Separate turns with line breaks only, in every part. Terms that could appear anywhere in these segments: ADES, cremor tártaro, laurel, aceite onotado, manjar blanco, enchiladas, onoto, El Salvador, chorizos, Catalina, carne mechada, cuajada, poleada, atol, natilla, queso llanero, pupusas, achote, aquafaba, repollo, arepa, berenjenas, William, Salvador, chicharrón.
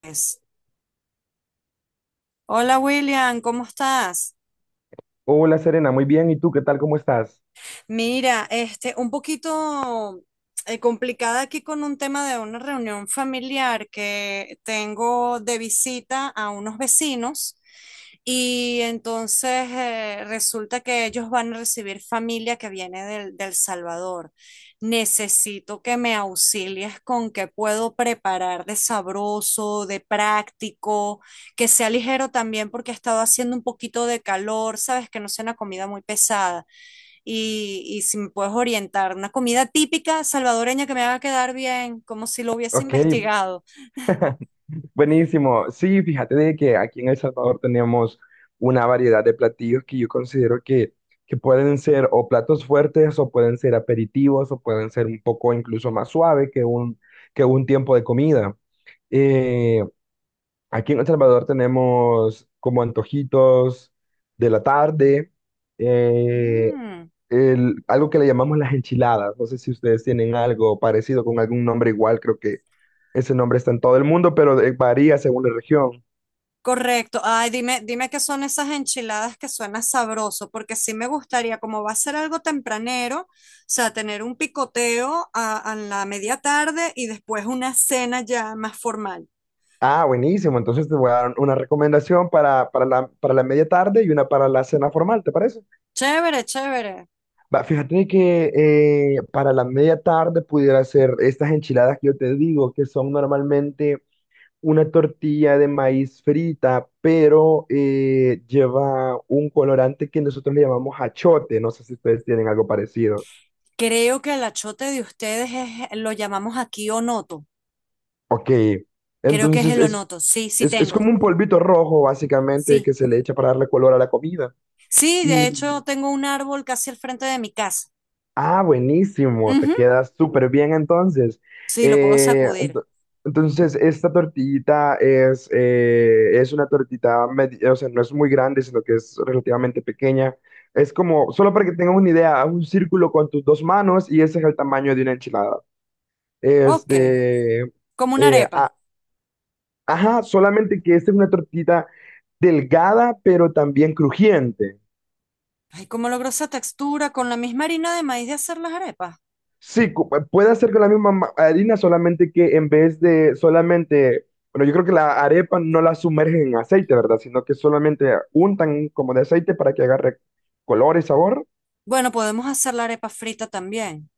Pues, Hola William, ¿cómo estás?
Hola Serena, muy bien. ¿Y tú qué tal? ¿Cómo estás?
Mira, este, un poquito complicada aquí con un tema de una reunión familiar que tengo de visita a unos vecinos y entonces resulta que ellos van a recibir familia que viene del Salvador. Necesito que me auxilies con qué puedo preparar de sabroso, de práctico que sea ligero también porque ha estado haciendo un poquito de calor, sabes, que no sea una comida muy pesada. Y si me puedes orientar, una comida típica salvadoreña que me haga quedar bien, como si lo hubiese
Ok,
investigado.
buenísimo. Sí, fíjate de que aquí en El Salvador tenemos una variedad de platillos que yo considero que pueden ser o platos fuertes o pueden ser aperitivos o pueden ser un poco incluso más suave que que un tiempo de comida. Eh, Aquí en El Salvador tenemos como antojitos de la tarde. eh,
Mm,
Algo que le llamamos las enchiladas. No sé si ustedes tienen algo parecido con algún nombre igual, creo que ese nombre está en todo el mundo, pero varía según la región.
correcto. Ay, dime, dime qué son esas enchiladas que suena sabroso, porque sí me gustaría, como va a ser algo tempranero, o sea, tener un picoteo a la media tarde y después una cena ya más formal.
Ah, buenísimo. Entonces te voy a dar una recomendación para la media tarde y una para la cena formal, ¿te parece?
Chévere, chévere.
Va, fíjate que para la media tarde pudiera ser estas enchiladas que yo te digo, que son normalmente una tortilla de maíz frita, pero lleva un colorante que nosotros le llamamos achote. No sé si ustedes tienen algo parecido.
Creo que el achote de ustedes es, lo llamamos aquí onoto.
Ok,
Creo que es
entonces
el
es,
onoto. Sí, sí
es
tengo.
como un polvito rojo, básicamente,
Sí.
que se le echa para darle color a la comida.
Sí, de hecho
y
tengo un árbol casi al frente de mi casa.
Ah, buenísimo, te
Ujú,
queda súper bien entonces.
sí, lo puedo
Eh,
sacudir.
ento- entonces, esta tortillita es una tortita, o sea, no es muy grande, sino que es relativamente pequeña. Es como, solo para que tengas una idea, haz un círculo con tus dos manos y ese es el tamaño de una enchilada.
Ok.
Este,
Como una
eh,
arepa.
a- ajá, solamente que esta es una tortita delgada, pero también crujiente.
Ay, ¿cómo logró esa textura con la misma harina de maíz de hacer las arepas?
Puede hacer con la misma harina, solamente que en vez de solamente, bueno, yo creo que la arepa no la sumergen en aceite, ¿verdad? Sino que solamente untan como de aceite para que agarre color y sabor.
Bueno, podemos hacer la arepa frita también.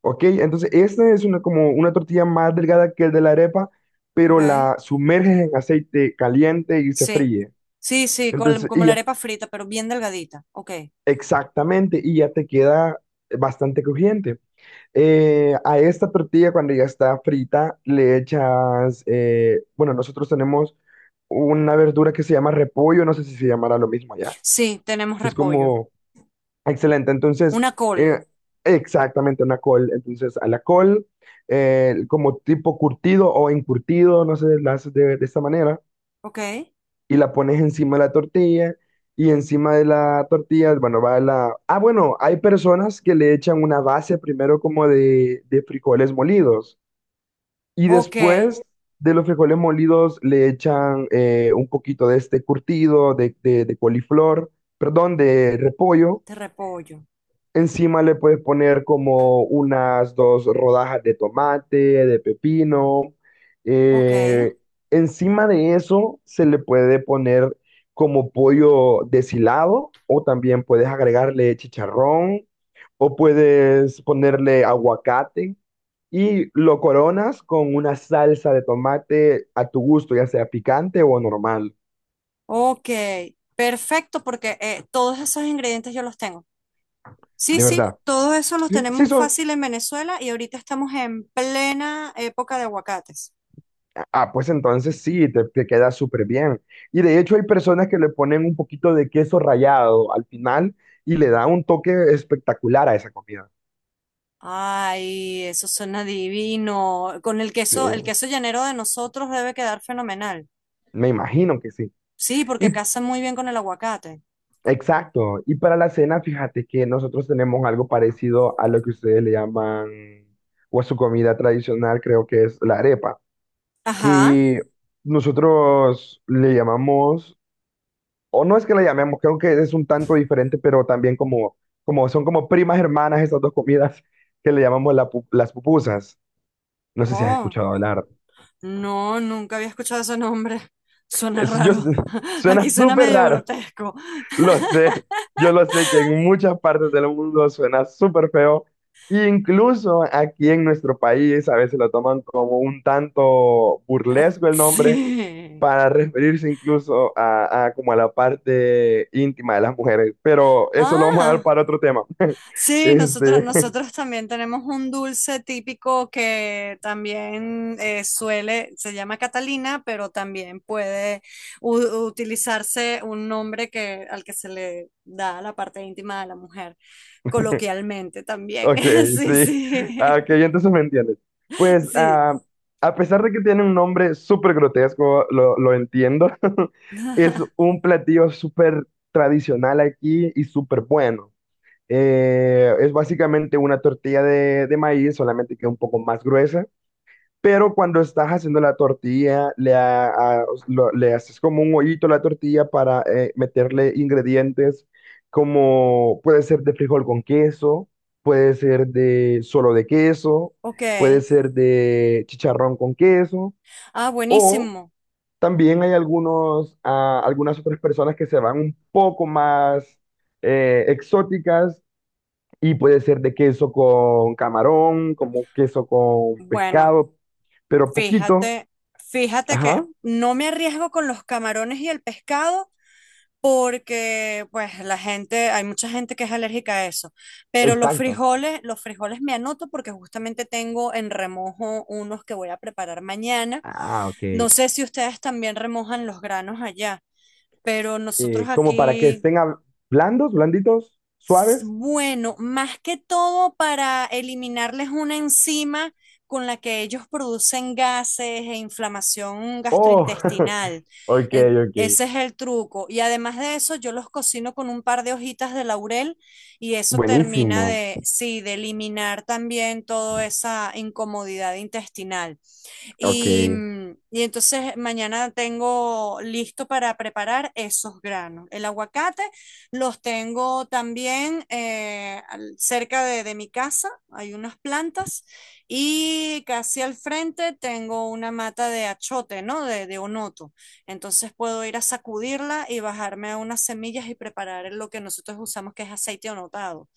Ok, entonces esta es una, como una tortilla más delgada que el de la arepa, pero
Ok.
la sumerges en aceite caliente y se
Sí.
fríe.
Sí, sí,
Entonces,
como
y
la
ya,
arepa frita, pero bien delgadita. Ok.
exactamente, y ya te queda bastante crujiente. A esta tortilla, cuando ya está frita, le echas, bueno, nosotros tenemos una verdura que se llama repollo, no sé si se llamará lo mismo allá.
Sí, tenemos
Es
repollo.
como excelente. Entonces,
Una col.
eh, exactamente una col. Entonces, a la col, como tipo curtido o encurtido, no sé, la haces de esta manera
Ok.
y la pones encima de la tortilla. Y encima de la tortilla, bueno, va la... Ah, bueno, hay personas que le echan una base primero como de frijoles molidos. Y
Ok. De
después de los frijoles molidos le echan un poquito de este curtido de coliflor, perdón, de repollo.
repollo.
Encima le puedes poner como unas dos rodajas de tomate, de pepino.
Ok,
Eh, Encima de eso se le puede poner como pollo deshilado o también puedes agregarle chicharrón o puedes ponerle aguacate y lo coronas con una salsa de tomate a tu gusto, ya sea picante o normal,
ok, perfecto, porque todos esos ingredientes yo los tengo. Sí,
de
sí,
verdad.
todos esos los
Sí, sí
tenemos
son,
fácil en Venezuela y ahorita estamos en plena época de aguacates.
ah, pues entonces sí, te queda súper bien. Y de hecho hay personas que le ponen un poquito de queso rallado al final y le da un toque espectacular a esa comida.
Ay, eso suena divino. Con
Sí,
el queso llanero de nosotros debe quedar fenomenal.
me imagino que sí.
Sí,
Y
porque casa muy bien con el aguacate.
exacto. Y para la cena, fíjate que nosotros tenemos algo parecido a lo que ustedes le llaman, o a su comida tradicional, creo que es la arepa,
Ajá.
que nosotros le llamamos o no es que la llamemos, creo que es un tanto diferente, pero también como, como son como primas hermanas esas dos comidas que le llamamos las pupusas. No sé si has
Oh,
escuchado hablar.
no, nunca había escuchado ese nombre. Suena
Es- yo,
raro. Aquí
suena
suena
súper
medio
raro,
grotesco.
lo sé. Yo lo sé que en muchas partes del mundo suena súper feo. Incluso aquí en nuestro país a veces lo toman como un tanto burlesco el nombre
Sí.
para referirse incluso a como a la parte íntima de las mujeres, pero eso lo vamos a dar
Ah.
para otro tema.
Sí, nosotros,
Este,
nosotros también tenemos un dulce típico que también se llama Catalina, pero también puede utilizarse un nombre que, al que se le da a la parte íntima de la mujer, coloquialmente también.
ok,
Sí,
sí,
sí,
ah, ok, entonces me entiendes. Pues
sí.
ah, a pesar de que tiene un nombre súper grotesco, lo entiendo, es un platillo súper tradicional aquí y súper bueno. Es básicamente una tortilla de maíz, solamente que un poco más gruesa. Pero cuando estás haciendo la tortilla, le haces como un hoyito a la tortilla para meterle ingredientes como puede ser de frijol con queso, puede ser de solo de queso,
Ok.
puede ser de chicharrón con queso,
Ah,
o
buenísimo.
también hay algunos, ah, algunas otras personas que se van un poco más exóticas y puede ser de queso con camarón, como queso con
Bueno,
pescado, pero poquito.
fíjate, fíjate
Ajá,
que no me arriesgo con los camarones y el pescado porque pues la gente, hay mucha gente que es alérgica a eso, pero
exacto.
los frijoles me anoto porque justamente tengo en remojo unos que voy a preparar mañana.
Ah,
No
ok.
sé si ustedes también remojan los granos allá, pero nosotros
Como para que
aquí.
estén hab- Blandos, blanditos, suaves.
Bueno, más que todo para eliminarles una enzima con la que ellos producen gases e inflamación
Oh,
gastrointestinal.
ok, ok.
Ese es el truco. Y además de eso, yo los cocino con un par de hojitas de laurel y eso termina
Buenísimo.
de, sí, de eliminar también toda esa incomodidad intestinal.
Ok,
Y, mm, y entonces mañana tengo listo para preparar esos granos. El aguacate los tengo también cerca de mi casa, hay unas plantas y casi al frente tengo una mata de achote, ¿no? De onoto. Entonces puedo ir a sacudirla y bajarme unas semillas y preparar lo que nosotros usamos que es aceite onotado.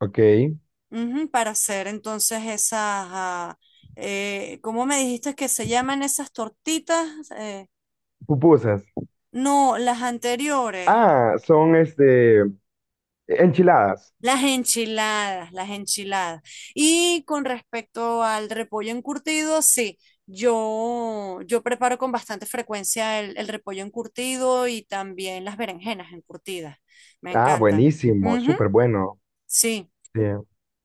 ok.
Ujú, para hacer entonces esas, ah, ¿cómo me dijiste que se llaman esas tortitas? Eh,
Pupusas.
no, las anteriores,
Ah, son enchiladas.
las enchiladas, las enchiladas. Y con respecto al repollo encurtido, sí, yo preparo con bastante frecuencia el repollo encurtido y también las berenjenas encurtidas, me
Ah,
encantan.
buenísimo,
Ujú,
súper bueno.
sí,
Sí.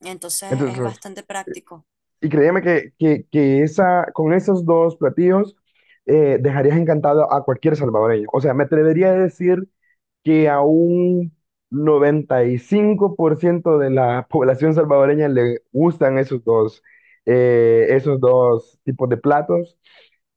entonces es
Entonces,
bastante práctico.
y créeme que esa, con esos dos platillos dejarías encantado a cualquier salvadoreño. O sea, me atrevería a decir que a un 95% de la población salvadoreña le gustan esos esos dos tipos de platos.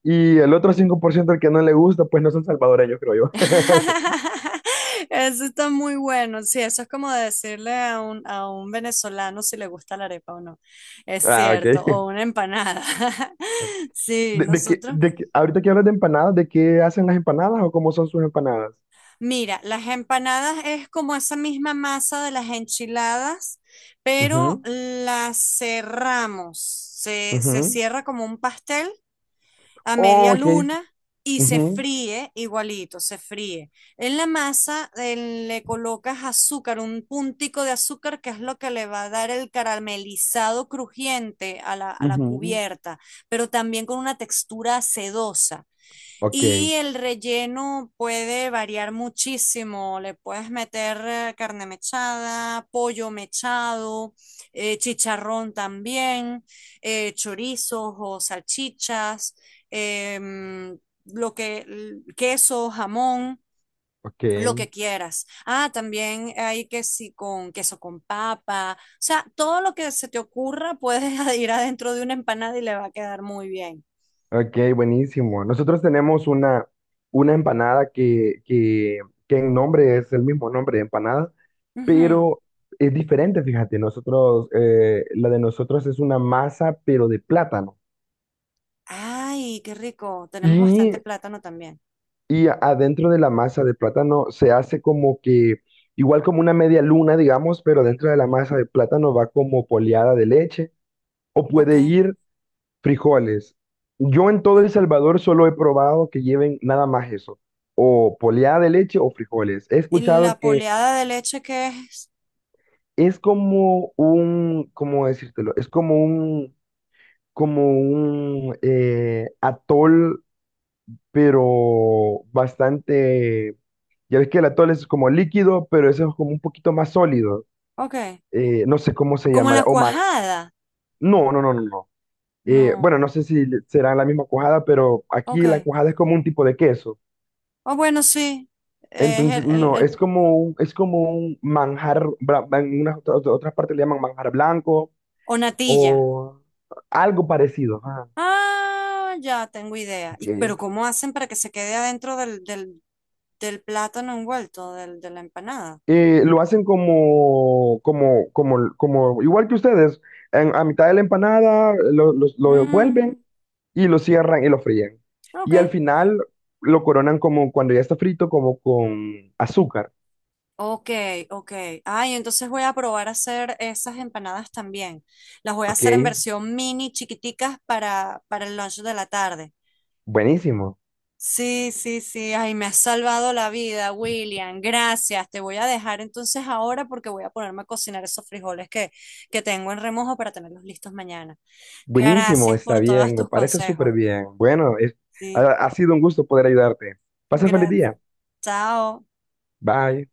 Y el otro 5% al que no le gusta, pues no son salvadoreños, creo yo.
Eso está muy bueno. Sí, eso es como decirle a a un venezolano si le gusta la arepa o no. Es
Ah, ok.
cierto, o una empanada. Sí, nosotros.
Ahorita que hablas de empanadas, ¿de qué hacen las empanadas o cómo son sus empanadas?
Mira, las empanadas es como esa misma masa de las enchiladas, pero
Ujú,
las cerramos. Se
ujú.
cierra como un pastel a
Oh,
media
ok.
luna y se
Ujú,
fríe igualito, se fríe. En la masa le colocas azúcar, un puntico de azúcar que es lo que le va a dar el caramelizado crujiente a a la
ujú.
cubierta, pero también con una textura sedosa.
Ok,
Y el relleno puede variar muchísimo. Le puedes meter carne mechada, pollo mechado, chicharrón también, chorizos o salchichas, em, queso, jamón,
ok.
lo que quieras. Ah, también hay que sí con queso con papa. O sea, todo lo que se te ocurra puedes ir adentro de una empanada y le va a quedar muy bien.
Ok, buenísimo. Nosotros tenemos una empanada que en nombre es el mismo nombre de empanada,
Ujú.
pero es diferente, fíjate. Nosotros, la de nosotros es una masa, pero de plátano.
Ay, qué rico. Tenemos
Y,
bastante plátano también.
y adentro de la masa de plátano se hace como que, igual como una media luna, digamos, pero dentro de la masa de plátano va como poleada de leche. O
Ok.
puede ir frijoles. Yo en todo El
Ok.
Salvador solo he probado que lleven nada más eso, o poleada de leche o frijoles. He
¿Y
escuchado
la
que
poleada de leche qué es?
es como un, ¿cómo decírtelo? Es como un atol, pero bastante, ya ves que el atol es como líquido, pero eso es como un poquito más sólido.
Ok.
No sé cómo se
¿Como la
llamará, o más.
cuajada?
No, no, no, no, no.
No.
Bueno, no sé si será la misma cuajada, pero
Ok.
aquí la cuajada es como un tipo de queso.
Oh, bueno, sí. Es
Entonces, no, es como un manjar, en unas otras partes le llaman manjar blanco
o natilla.
o algo parecido. Ah,
Ah, ya tengo idea.
ok.
Y, pero ¿cómo hacen para que se quede adentro del plátano envuelto, del, de la empanada?
Lo hacen como, igual que ustedes, a mitad de la empanada lo
Mm,
envuelven y lo cierran y lo fríen.
ok.
Y al final lo coronan como cuando ya está frito, como con azúcar.
Ok, ok. Ay, entonces voy a probar a hacer esas empanadas también. Las voy a
Ok,
hacer en versión mini, chiquiticas para el lunch de la tarde.
buenísimo.
Sí, sí, sí. Ay, me has salvado la vida, William. Gracias. Te voy a dejar entonces ahora porque voy a ponerme a cocinar esos frijoles que tengo en remojo para tenerlos listos mañana.
Buenísimo,
Gracias
está
por todos
bien, me
tus
parece
consejos.
súper bien. Ha,
Sí,
ha sido un gusto poder ayudarte. Pasa feliz
gracias.
día.
Chao.
Bye.